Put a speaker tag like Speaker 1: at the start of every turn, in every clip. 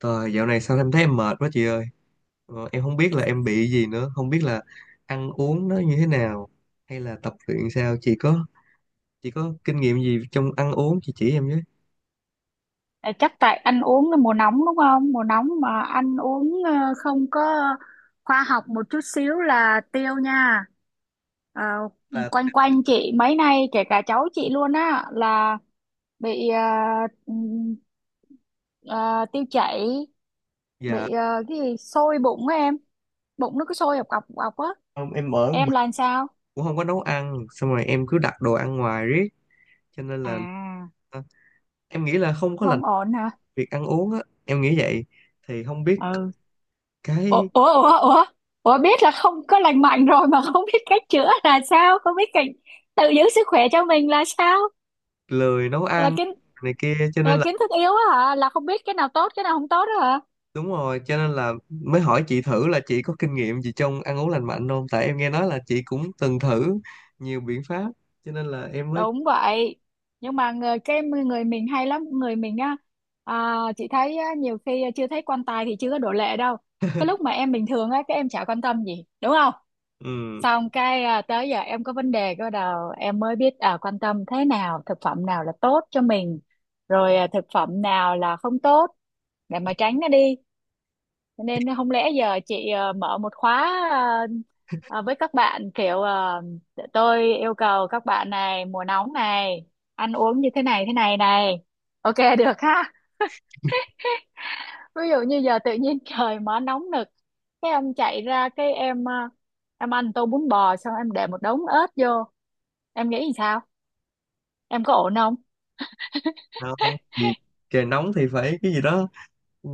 Speaker 1: Trời, dạo này sao em thấy em mệt quá chị ơi. Em không biết là em bị gì nữa, không biết là ăn uống nó như thế nào hay là tập luyện sao. Chị có kinh nghiệm gì trong ăn uống chị chỉ em với.
Speaker 2: À, chắc tại ăn uống là mùa nóng đúng không? Mùa nóng mà ăn uống không có khoa học một chút xíu là tiêu nha. Ờ,
Speaker 1: Là
Speaker 2: quanh quanh chị mấy nay, kể cả cháu chị luôn á, là bị ừm, ờ, tiêu chảy,
Speaker 1: dạ
Speaker 2: bị cái gì sôi bụng á em, bụng nó cứ sôi ọc ọc ọc á.
Speaker 1: không, em ở một
Speaker 2: Em là
Speaker 1: mình
Speaker 2: làm sao?
Speaker 1: cũng không có nấu ăn, xong rồi em cứ đặt đồ ăn ngoài riết cho nên là
Speaker 2: À,
Speaker 1: ờ, em nghĩ là không có lành
Speaker 2: không ổn hả?
Speaker 1: việc ăn uống á, em nghĩ vậy. Thì không biết
Speaker 2: Ừ. Ủa
Speaker 1: cái
Speaker 2: ủa ủa ủa ủa, biết là không có lành mạnh rồi mà không biết cách chữa là sao, không biết cách tự giữ sức khỏe cho mình là sao?
Speaker 1: lười nấu
Speaker 2: là
Speaker 1: ăn
Speaker 2: kiến
Speaker 1: này kia cho
Speaker 2: là
Speaker 1: nên
Speaker 2: kiến thức yếu á hả, là không biết cái nào tốt cái nào không tốt đó hả?
Speaker 1: đúng rồi, cho nên là mới hỏi chị thử là chị có kinh nghiệm gì trong ăn uống lành mạnh không? Tại em nghe nói là chị cũng từng thử nhiều biện pháp, cho nên là em mới
Speaker 2: Đúng vậy, nhưng mà người, người mình hay lắm, người mình á. Chị thấy á, nhiều khi chưa thấy quan tài thì chưa có đổ lệ đâu. Cái lúc mà em bình thường á, các em chả quan tâm gì đúng không,
Speaker 1: ừ,
Speaker 2: xong cái tới giờ em có vấn đề bắt đầu em mới biết, quan tâm thế nào, thực phẩm nào là tốt cho mình rồi thực phẩm nào là không tốt để mà tránh nó đi. Cho nên không lẽ giờ chị mở một khóa với các bạn kiểu tôi yêu cầu các bạn này mùa nóng này ăn uống như thế này này, ok được ha? Ví dụ như giờ tự nhiên trời mở nóng nực, cái em chạy ra cái em em ăn tô bún bò xong em để một đống ớt vô, em nghĩ làm sao, em có ổn không?
Speaker 1: không, vì trời nóng thì phải cái gì đó, ừ,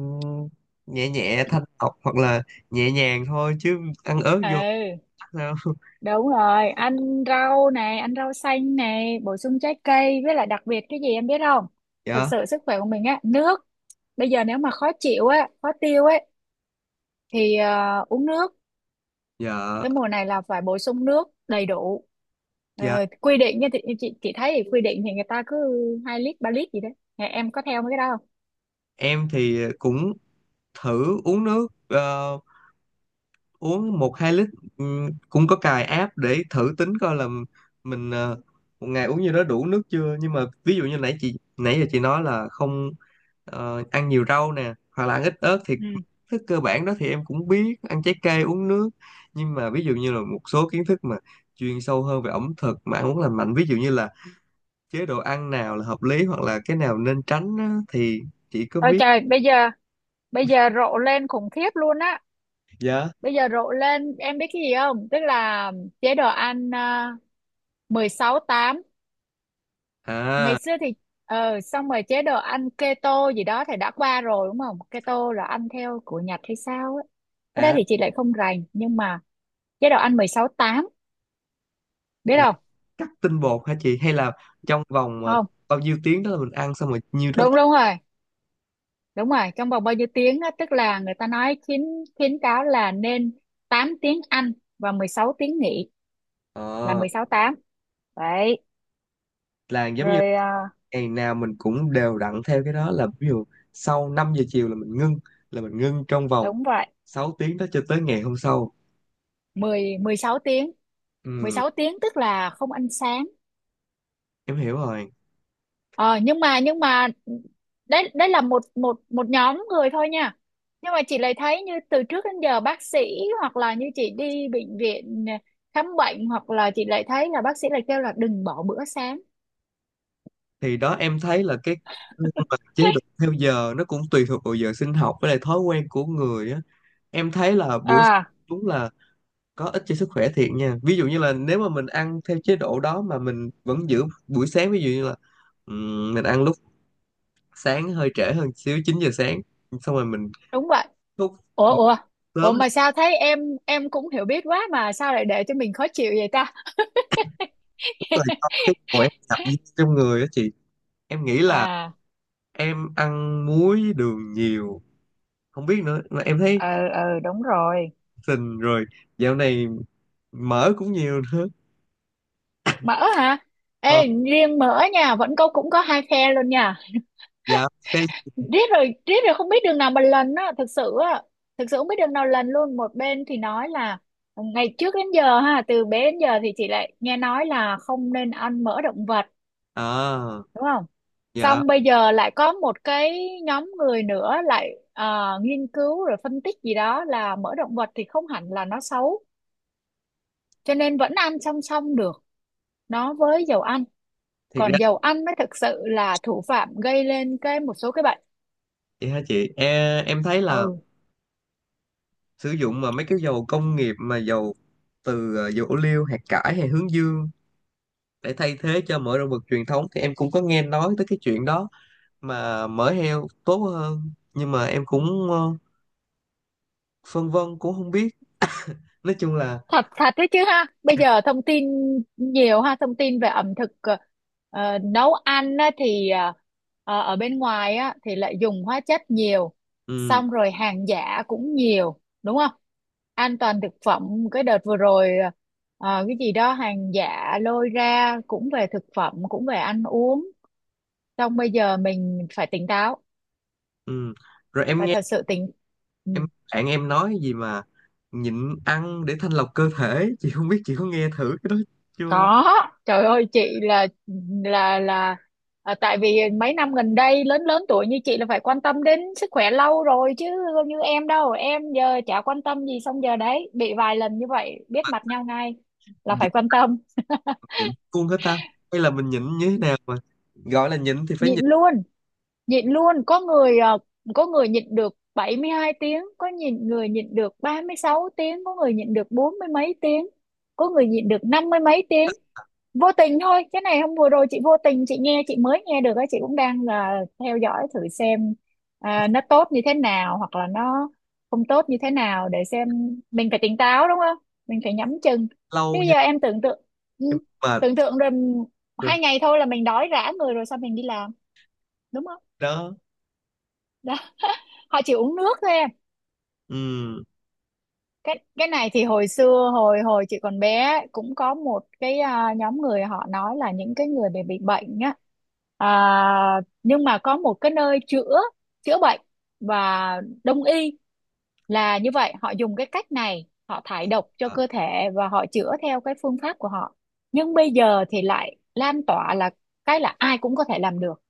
Speaker 1: nhẹ nhẹ thanh lọc hoặc là nhẹ nhàng thôi chứ ăn ớt vô
Speaker 2: Ừ,
Speaker 1: chắc sao?
Speaker 2: đúng rồi, ăn rau này, ăn rau xanh này, bổ sung trái cây, với lại đặc biệt cái gì em biết không? Thực
Speaker 1: Dạ,
Speaker 2: sự sức khỏe của mình á, nước. Bây giờ nếu mà khó chịu á, khó tiêu ấy, thì uống nước.
Speaker 1: dạ,
Speaker 2: Cái mùa này là phải bổ sung nước đầy đủ.
Speaker 1: dạ.
Speaker 2: Quy định nha, thì chị thấy thì quy định thì người ta cứ 2 lít 3 lít gì đấy. Nhà em có theo mấy cái đó không?
Speaker 1: Em thì cũng thử uống nước, uống một hai lít. Cũng có cài app để thử tính coi là mình một ngày uống như đó đủ nước chưa, nhưng mà ví dụ như nãy chị nãy giờ chị nói là không ăn nhiều rau nè hoặc là ăn ít ớt thì
Speaker 2: Ừ.
Speaker 1: thức cơ bản đó thì em cũng biết ăn trái cây uống nước, nhưng mà ví dụ như là một số kiến thức mà chuyên sâu hơn về ẩm thực mà ăn uống lành mạnh, ví dụ như là chế độ ăn nào là hợp lý hoặc là cái nào nên tránh á, thì chị có
Speaker 2: Ôi
Speaker 1: biết.
Speaker 2: trời, bây giờ rộ lên khủng khiếp luôn á.
Speaker 1: Dạ,
Speaker 2: Bây giờ rộ lên em biết cái gì không, tức là chế độ ăn mười sáu tám. Ngày
Speaker 1: à,
Speaker 2: xưa thì xong rồi chế độ ăn keto gì đó thì đã qua rồi đúng không, keto là ăn theo của Nhật hay sao á? Cái đó
Speaker 1: à,
Speaker 2: thì chị lại không rành, nhưng mà chế độ ăn mười sáu tám, biết không?
Speaker 1: cắt tinh bột hả chị, hay là trong vòng
Speaker 2: Không,
Speaker 1: bao nhiêu tiếng đó là mình ăn xong rồi nhiêu đó.
Speaker 2: đúng đúng rồi. Đúng rồi, trong vòng bao nhiêu tiếng á, tức là người ta nói khuyến khuyến cáo là nên 8 tiếng ăn và 16 tiếng nghỉ, là
Speaker 1: Ờ,
Speaker 2: 16 8 đấy.
Speaker 1: là giống như
Speaker 2: Rồi
Speaker 1: ngày nào mình cũng đều đặn theo cái đó, là ví dụ sau 5 giờ chiều là mình ngưng, là mình ngưng trong vòng
Speaker 2: đúng vậy,
Speaker 1: 6 tiếng đó cho tới ngày hôm sau.
Speaker 2: mười mười sáu tiếng, mười
Speaker 1: Ừ,
Speaker 2: sáu tiếng tức là không ăn sáng.
Speaker 1: em hiểu rồi.
Speaker 2: Ờ nhưng mà đấy đấy là một một một nhóm người thôi nha, nhưng mà chị lại thấy như từ trước đến giờ bác sĩ hoặc là như chị đi bệnh viện khám bệnh, hoặc là chị lại thấy là bác sĩ lại kêu là đừng bỏ bữa sáng.
Speaker 1: Thì đó em thấy là cái mà chế độ theo giờ nó cũng tùy thuộc vào giờ sinh học với lại thói quen của người á. Em thấy là buổi sáng
Speaker 2: À,
Speaker 1: đúng là có ích cho sức khỏe thiệt nha, ví dụ như là nếu mà mình ăn theo chế độ đó mà mình vẫn giữ buổi sáng, ví dụ như là mình ăn lúc sáng hơi trễ hơn xíu 9 giờ sáng xong rồi mình
Speaker 2: đúng vậy.
Speaker 1: thức
Speaker 2: Ủa ủa ủa,
Speaker 1: sớm,
Speaker 2: mà
Speaker 1: đúng
Speaker 2: sao thấy em cũng hiểu biết quá mà sao lại để cho mình khó chịu vậy ta?
Speaker 1: rồi, cho cái khỏe tập gym trong người á chị. Em nghĩ là
Speaker 2: À,
Speaker 1: em ăn muối đường nhiều, không biết nữa mà em thấy
Speaker 2: ờ ờ, đúng rồi.
Speaker 1: sình rồi. Dạo này mỡ cũng nhiều nữa.
Speaker 2: Mỡ hả?
Speaker 1: Ờ,
Speaker 2: Ê, riêng mỡ nha, vẫn có, cũng có hai phe luôn nha.
Speaker 1: dạ, phê.
Speaker 2: Riết rồi riết rồi không biết đường nào mà lần á, thực sự á, thực sự không biết đường nào lần luôn. Một bên thì nói là ngày trước đến giờ ha, từ bé đến giờ thì chị lại nghe nói là không nên ăn mỡ động vật,
Speaker 1: À,
Speaker 2: đúng không?
Speaker 1: dạ,
Speaker 2: Xong bây giờ lại có một cái nhóm người nữa lại nghiên cứu rồi phân tích gì đó là mỡ động vật thì không hẳn là nó xấu, cho nên vẫn ăn song song được nó với dầu ăn.
Speaker 1: thiệt
Speaker 2: Còn
Speaker 1: ra
Speaker 2: dầu ăn mới thực sự là thủ phạm gây lên cái một số cái bệnh.
Speaker 1: vậy hả chị? Em thấy là
Speaker 2: Ừ,
Speaker 1: sử dụng mà mấy cái dầu công nghiệp mà dầu từ dầu ô liu, hạt cải hay hướng dương để thay thế cho mỡ động vật truyền thống, thì em cũng có nghe nói tới cái chuyện đó mà mỡ heo tốt hơn, nhưng mà em cũng phân vân cũng không biết. Nói chung là
Speaker 2: thật thật đấy chứ ha. Bây giờ thông tin nhiều ha, thông tin về ẩm thực nấu ăn á, thì ở bên ngoài á, thì lại dùng hóa chất nhiều,
Speaker 1: ừ,
Speaker 2: xong rồi hàng giả cũng nhiều đúng không. An toàn thực phẩm cái đợt vừa rồi cái gì đó hàng giả lôi ra cũng về thực phẩm, cũng về ăn uống. Xong bây giờ mình phải tỉnh táo,
Speaker 1: ừ, rồi em
Speaker 2: phải
Speaker 1: nghe
Speaker 2: thật sự tỉnh. Ừ.
Speaker 1: em bạn em nói gì mà nhịn ăn để thanh lọc cơ thể chị không biết chị có nghe thử cái đó chưa.
Speaker 2: Có. Trời ơi, chị là tại vì mấy năm gần đây lớn lớn tuổi như chị là phải quan tâm đến sức khỏe lâu rồi chứ, không như em đâu, em giờ chả quan tâm gì, xong giờ đấy bị vài lần như vậy biết mặt nhau ngay, là phải
Speaker 1: Nhịn,
Speaker 2: quan tâm.
Speaker 1: nhịn luôn hết ta, hay là mình nhịn như thế nào mà gọi là nhịn thì phải
Speaker 2: Nhịn
Speaker 1: nhịn
Speaker 2: luôn, nhịn luôn. Có người có người nhịn được 72 tiếng, có nhịn người nhịn được 36 tiếng, có người nhịn được bốn mươi mấy tiếng, có người nhịn được năm mươi mấy tiếng. Vô tình thôi, cái này hôm vừa rồi chị vô tình chị mới nghe được á, chị cũng đang là theo dõi thử xem nó tốt như thế nào hoặc là nó không tốt như thế nào, để xem mình phải tỉnh táo đúng không, mình phải nhắm chừng. Chứ
Speaker 1: lâu nha.
Speaker 2: giờ em tưởng tượng, ừ,
Speaker 1: Em mệt
Speaker 2: tưởng tượng rồi,
Speaker 1: rồi
Speaker 2: 2 ngày thôi là mình đói rã người rồi sao mình đi làm, đúng không?
Speaker 1: đó.
Speaker 2: Họ chỉ uống nước thôi em.
Speaker 1: Ừm,
Speaker 2: Cái này thì hồi xưa, hồi hồi chị còn bé ấy, cũng có một cái nhóm người họ nói là những cái người bị bệnh á, nhưng mà có một cái nơi chữa, chữa bệnh, và đông y là như vậy, họ dùng cái cách này, họ thải độc cho
Speaker 1: ờ,
Speaker 2: cơ thể và họ chữa theo cái phương pháp của họ. Nhưng bây giờ thì lại lan tỏa là ai cũng có thể làm được,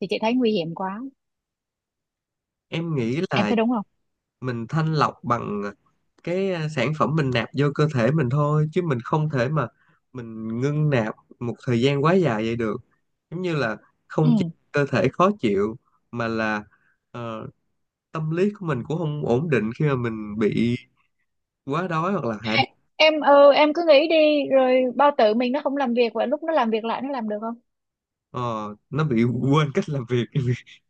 Speaker 2: thì chị thấy nguy hiểm quá.
Speaker 1: em nghĩ
Speaker 2: Em
Speaker 1: là
Speaker 2: thấy đúng không?
Speaker 1: mình thanh lọc bằng cái sản phẩm mình nạp vô cơ thể mình thôi, chứ mình không thể mà mình ngưng nạp một thời gian quá dài vậy được. Giống như là không chỉ
Speaker 2: Ừ.
Speaker 1: cơ thể khó chịu mà là ờ, tâm lý của mình cũng không ổn định khi mà mình bị quá đói hoặc là hạ
Speaker 2: À,
Speaker 1: đường.
Speaker 2: em, ừ, em cứ nghĩ đi rồi bao tử mình nó không làm việc, và lúc nó làm việc lại nó làm được không.
Speaker 1: Ờ, nó bị quên cách làm việc.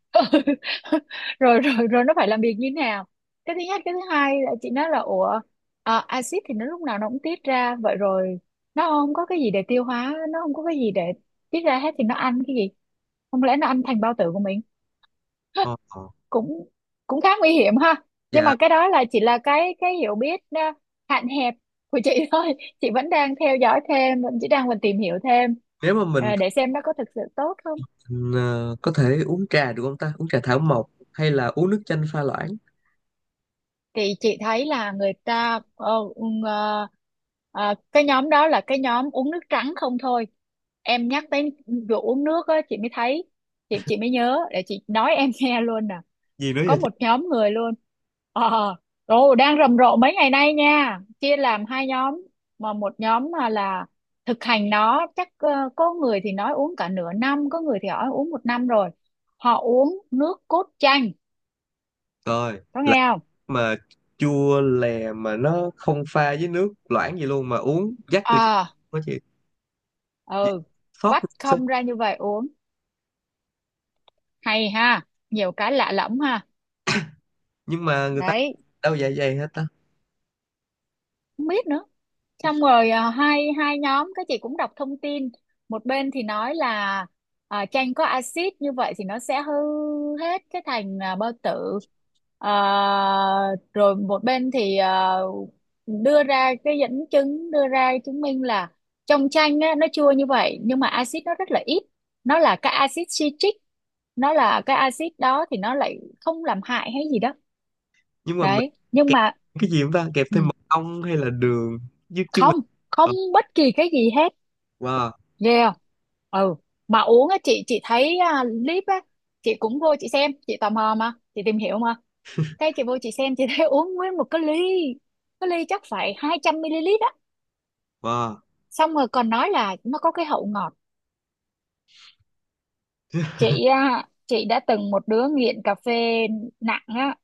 Speaker 2: Rồi rồi rồi, nó phải làm việc như thế nào. Cái thứ nhất, cái thứ hai là chị nói là ủa, axit thì nó lúc nào nó cũng tiết ra vậy rồi, nó không có cái gì để tiêu hóa, nó không có cái gì để tiết ra hết, thì nó ăn cái gì? Không lẽ nó ăn thành bao tử của mình?
Speaker 1: Ờ, ờ.
Speaker 2: cũng Cũng khá nguy hiểm ha. Nhưng
Speaker 1: Dạ,
Speaker 2: mà cái đó là chỉ là cái hiểu biết hạn hẹp của chị thôi. Chị vẫn đang theo dõi thêm, vẫn chỉ đang còn tìm hiểu thêm
Speaker 1: nếu mà mình
Speaker 2: để xem nó có thực sự tốt không.
Speaker 1: ờ, có thể uống trà được không ta, uống trà thảo mộc hay là uống nước chanh pha loãng?
Speaker 2: Thì chị thấy là người ta cái nhóm đó là cái nhóm uống nước trắng không thôi. Em nhắc tới vụ uống nước á chị mới thấy, chị mới nhớ để chị nói em nghe luôn nè.
Speaker 1: Gì nữa
Speaker 2: Có
Speaker 1: vậy?
Speaker 2: một nhóm người luôn, ờ rồi đang rầm rộ mấy ngày nay nha, chia làm hai nhóm, mà một nhóm mà là thực hành nó chắc có người thì nói uống cả nửa năm, có người thì nói uống một năm rồi. Họ uống nước cốt chanh,
Speaker 1: Coi,
Speaker 2: có
Speaker 1: là
Speaker 2: nghe không?
Speaker 1: mà chua lè mà nó không pha với nước loãng gì luôn mà uống dắt từ trong
Speaker 2: Ờ.
Speaker 1: đó chị. Vậy
Speaker 2: Ừ.
Speaker 1: sót
Speaker 2: Vắt
Speaker 1: sao?
Speaker 2: không ra như vậy uống. Hay ha, nhiều cái lạ lẫm ha.
Speaker 1: Nhưng mà người ta
Speaker 2: Đấy,
Speaker 1: đâu dạ dày hết ta.
Speaker 2: không biết nữa. Xong rồi hai hai nhóm, cái chị cũng đọc thông tin. Một bên thì nói là chanh có axit như vậy thì nó sẽ hư hết cái thành bao tử. Ờ, rồi một bên thì đưa ra cái dẫn chứng, đưa ra chứng minh là trong chanh á, nó chua như vậy nhưng mà axit nó rất là ít, nó là cái axit citric, nó là cái axit đó thì nó lại không làm hại hay gì đó.
Speaker 1: Nhưng mà mình
Speaker 2: Đấy, nhưng
Speaker 1: kẹp
Speaker 2: mà
Speaker 1: cái gì không ta, kẹp
Speaker 2: ừ,
Speaker 1: thêm mật ong hay là đường?
Speaker 2: không không,
Speaker 1: Ờ,
Speaker 2: bất kỳ cái gì hết.
Speaker 1: wow,
Speaker 2: Ghê không? Ừ. Mà uống á, chị thấy clip á, chị cũng vô chị xem, chị tò mò mà, chị tìm hiểu mà. Cái chị vô chị xem chị thấy uống nguyên một cái ly, cái ly chắc phải 200 ml á,
Speaker 1: wow.
Speaker 2: xong rồi còn nói là nó có cái hậu ngọt. Chị chị đã từng một đứa nghiện cà phê nặng á,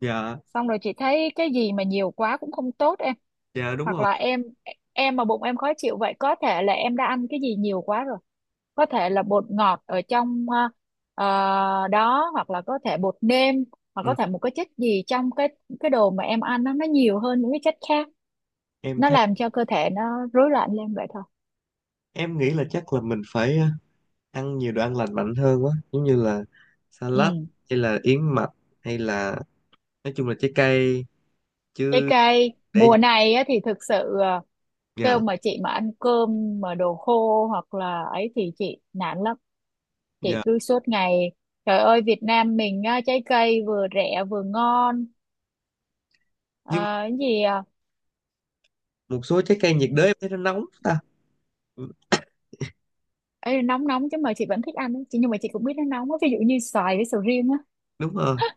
Speaker 1: Dạ,
Speaker 2: xong rồi chị thấy cái gì mà nhiều quá cũng không tốt em.
Speaker 1: dạ, đúng
Speaker 2: Hoặc
Speaker 1: rồi.
Speaker 2: là em mà bụng em khó chịu vậy, có thể là em đã ăn cái gì nhiều quá rồi. Có thể là bột ngọt ở trong đó, hoặc là có thể bột nêm, hoặc
Speaker 1: Ừ.
Speaker 2: có thể một cái chất gì trong cái đồ mà em ăn, nó nhiều hơn những cái chất khác,
Speaker 1: Em
Speaker 2: nó
Speaker 1: thấy
Speaker 2: làm cho cơ thể nó rối loạn lên vậy thôi.
Speaker 1: em nghĩ là chắc là mình phải ăn nhiều đồ ăn lành mạnh hơn quá, giống như là salad,
Speaker 2: Ừ.
Speaker 1: hay là yến mạch, hay là nói chung là trái cây
Speaker 2: Trái
Speaker 1: chứ.
Speaker 2: cây
Speaker 1: Để
Speaker 2: mùa này á, thì thực sự kêu
Speaker 1: dạ,
Speaker 2: mà chị mà ăn cơm mà đồ khô hoặc là ấy thì chị nản lắm, chị
Speaker 1: dạ,
Speaker 2: cứ suốt ngày, trời ơi, Việt Nam mình á, trái cây vừa rẻ vừa ngon. Ờ,
Speaker 1: nhưng
Speaker 2: cái gì
Speaker 1: một số trái cây nhiệt đới em thấy nó nóng ta. Ừ,
Speaker 2: ê, nóng nóng chứ, mà chị vẫn thích ăn á. Chị nhưng mà chị cũng biết nó nóng á, ví dụ như xoài với sầu riêng á.
Speaker 1: đúng rồi,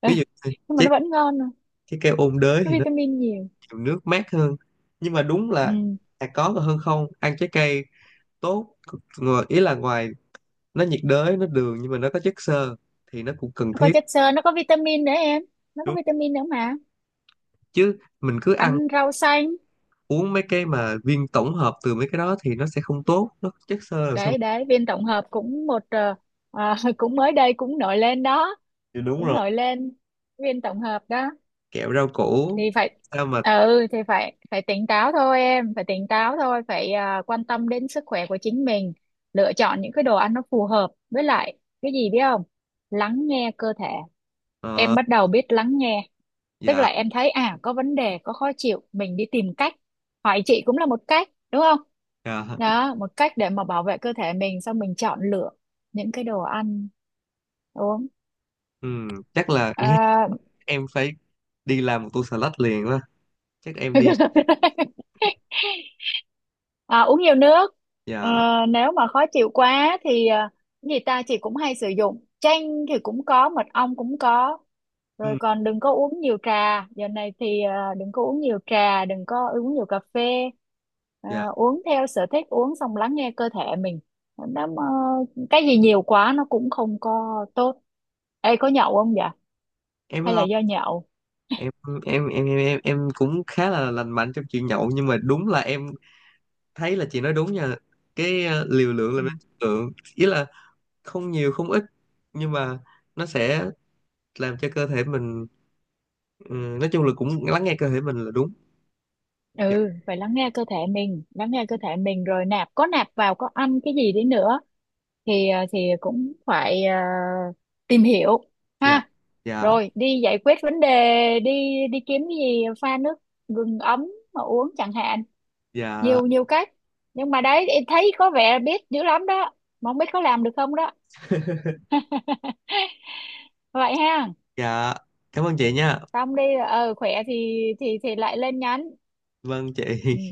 Speaker 2: Ê,
Speaker 1: ví dụ như
Speaker 2: nhưng mà
Speaker 1: trái,
Speaker 2: nó vẫn ngon à,
Speaker 1: trái cây ôn đới
Speaker 2: nó
Speaker 1: thì nó
Speaker 2: vitamin nhiều.
Speaker 1: nhiều nước mát hơn, nhưng mà đúng là
Speaker 2: Ừ.
Speaker 1: có còn hơn không ăn trái cây tốt. Ngồi ý là ngoài nó nhiệt đới nó đường nhưng mà nó có chất xơ thì nó cũng cần
Speaker 2: Nó có
Speaker 1: thiết.
Speaker 2: chất xơ, nó có vitamin nữa em, nó có
Speaker 1: Đúng,
Speaker 2: vitamin nữa mà,
Speaker 1: chứ mình cứ ăn
Speaker 2: ăn rau xanh.
Speaker 1: uống mấy cái mà viên tổng hợp từ mấy cái đó thì nó sẽ không tốt, nó có chất xơ làm sao
Speaker 2: Đấy
Speaker 1: mà-
Speaker 2: đấy, viên tổng hợp cũng một cũng mới đây cũng nổi lên đó,
Speaker 1: thì đúng
Speaker 2: cũng
Speaker 1: rồi,
Speaker 2: nổi lên viên tổng hợp đó
Speaker 1: kẹo rau củ
Speaker 2: thì phải.
Speaker 1: sao mà
Speaker 2: Ừ, thì phải phải tỉnh táo thôi em, phải tỉnh táo thôi, phải quan tâm đến sức khỏe của chính mình, lựa chọn những cái đồ ăn nó phù hợp, với lại cái gì biết không, lắng nghe cơ thể. Em
Speaker 1: ờ,
Speaker 2: bắt đầu biết lắng nghe, tức là
Speaker 1: dạ,
Speaker 2: em thấy à có vấn đề, có khó chịu, mình đi tìm cách, hỏi chị cũng là một cách đúng không,
Speaker 1: dạ,
Speaker 2: đó một cách để mà bảo vệ cơ thể mình, xong mình chọn lựa những cái đồ ăn, đúng không?
Speaker 1: ừ, chắc là nghe
Speaker 2: À,
Speaker 1: em phải đi làm một tô salad liền quá, chắc em đi.
Speaker 2: Uống nhiều nước. Ờ,
Speaker 1: Dạ,
Speaker 2: nếu mà khó chịu quá thì cái gì ta, chị cũng hay sử dụng chanh thì cũng có, mật ong cũng có.
Speaker 1: ừ,
Speaker 2: Rồi còn đừng có uống nhiều trà giờ này, thì đừng có uống nhiều trà, đừng có uống nhiều cà phê.
Speaker 1: dạ,
Speaker 2: À, uống theo sở thích, uống xong lắng nghe cơ thể mình, nó mà, cái gì nhiều quá nó cũng không có tốt. Ê, có nhậu không vậy,
Speaker 1: em biết
Speaker 2: hay là
Speaker 1: không,
Speaker 2: do nhậu?
Speaker 1: em em em cũng khá là lành mạnh trong chuyện nhậu, nhưng mà đúng là em thấy là chị nói đúng nha, cái liều lượng là nên chất lượng, ý là không nhiều không ít, nhưng mà nó sẽ làm cho cơ thể mình ừ, nói chung là cũng lắng nghe cơ thể mình là đúng. Dạ,
Speaker 2: Ừ, phải lắng nghe cơ thể mình, lắng nghe cơ thể mình rồi nạp, có nạp vào, có ăn cái gì đi nữa thì thì cũng phải tìm hiểu
Speaker 1: dạ,
Speaker 2: ha.
Speaker 1: dạ,
Speaker 2: Rồi đi giải quyết vấn đề đi, đi kiếm cái gì pha nước gừng ấm mà uống chẳng hạn,
Speaker 1: dạ,
Speaker 2: nhiều nhiều cách. Nhưng mà đấy, em thấy có vẻ biết dữ lắm đó, mà không biết có làm được không đó. Vậy ha.
Speaker 1: dạ, cảm ơn chị nha.
Speaker 2: Xong đi, ờ khỏe thì lại lên nhắn.
Speaker 1: Vâng
Speaker 2: Ừ.
Speaker 1: chị.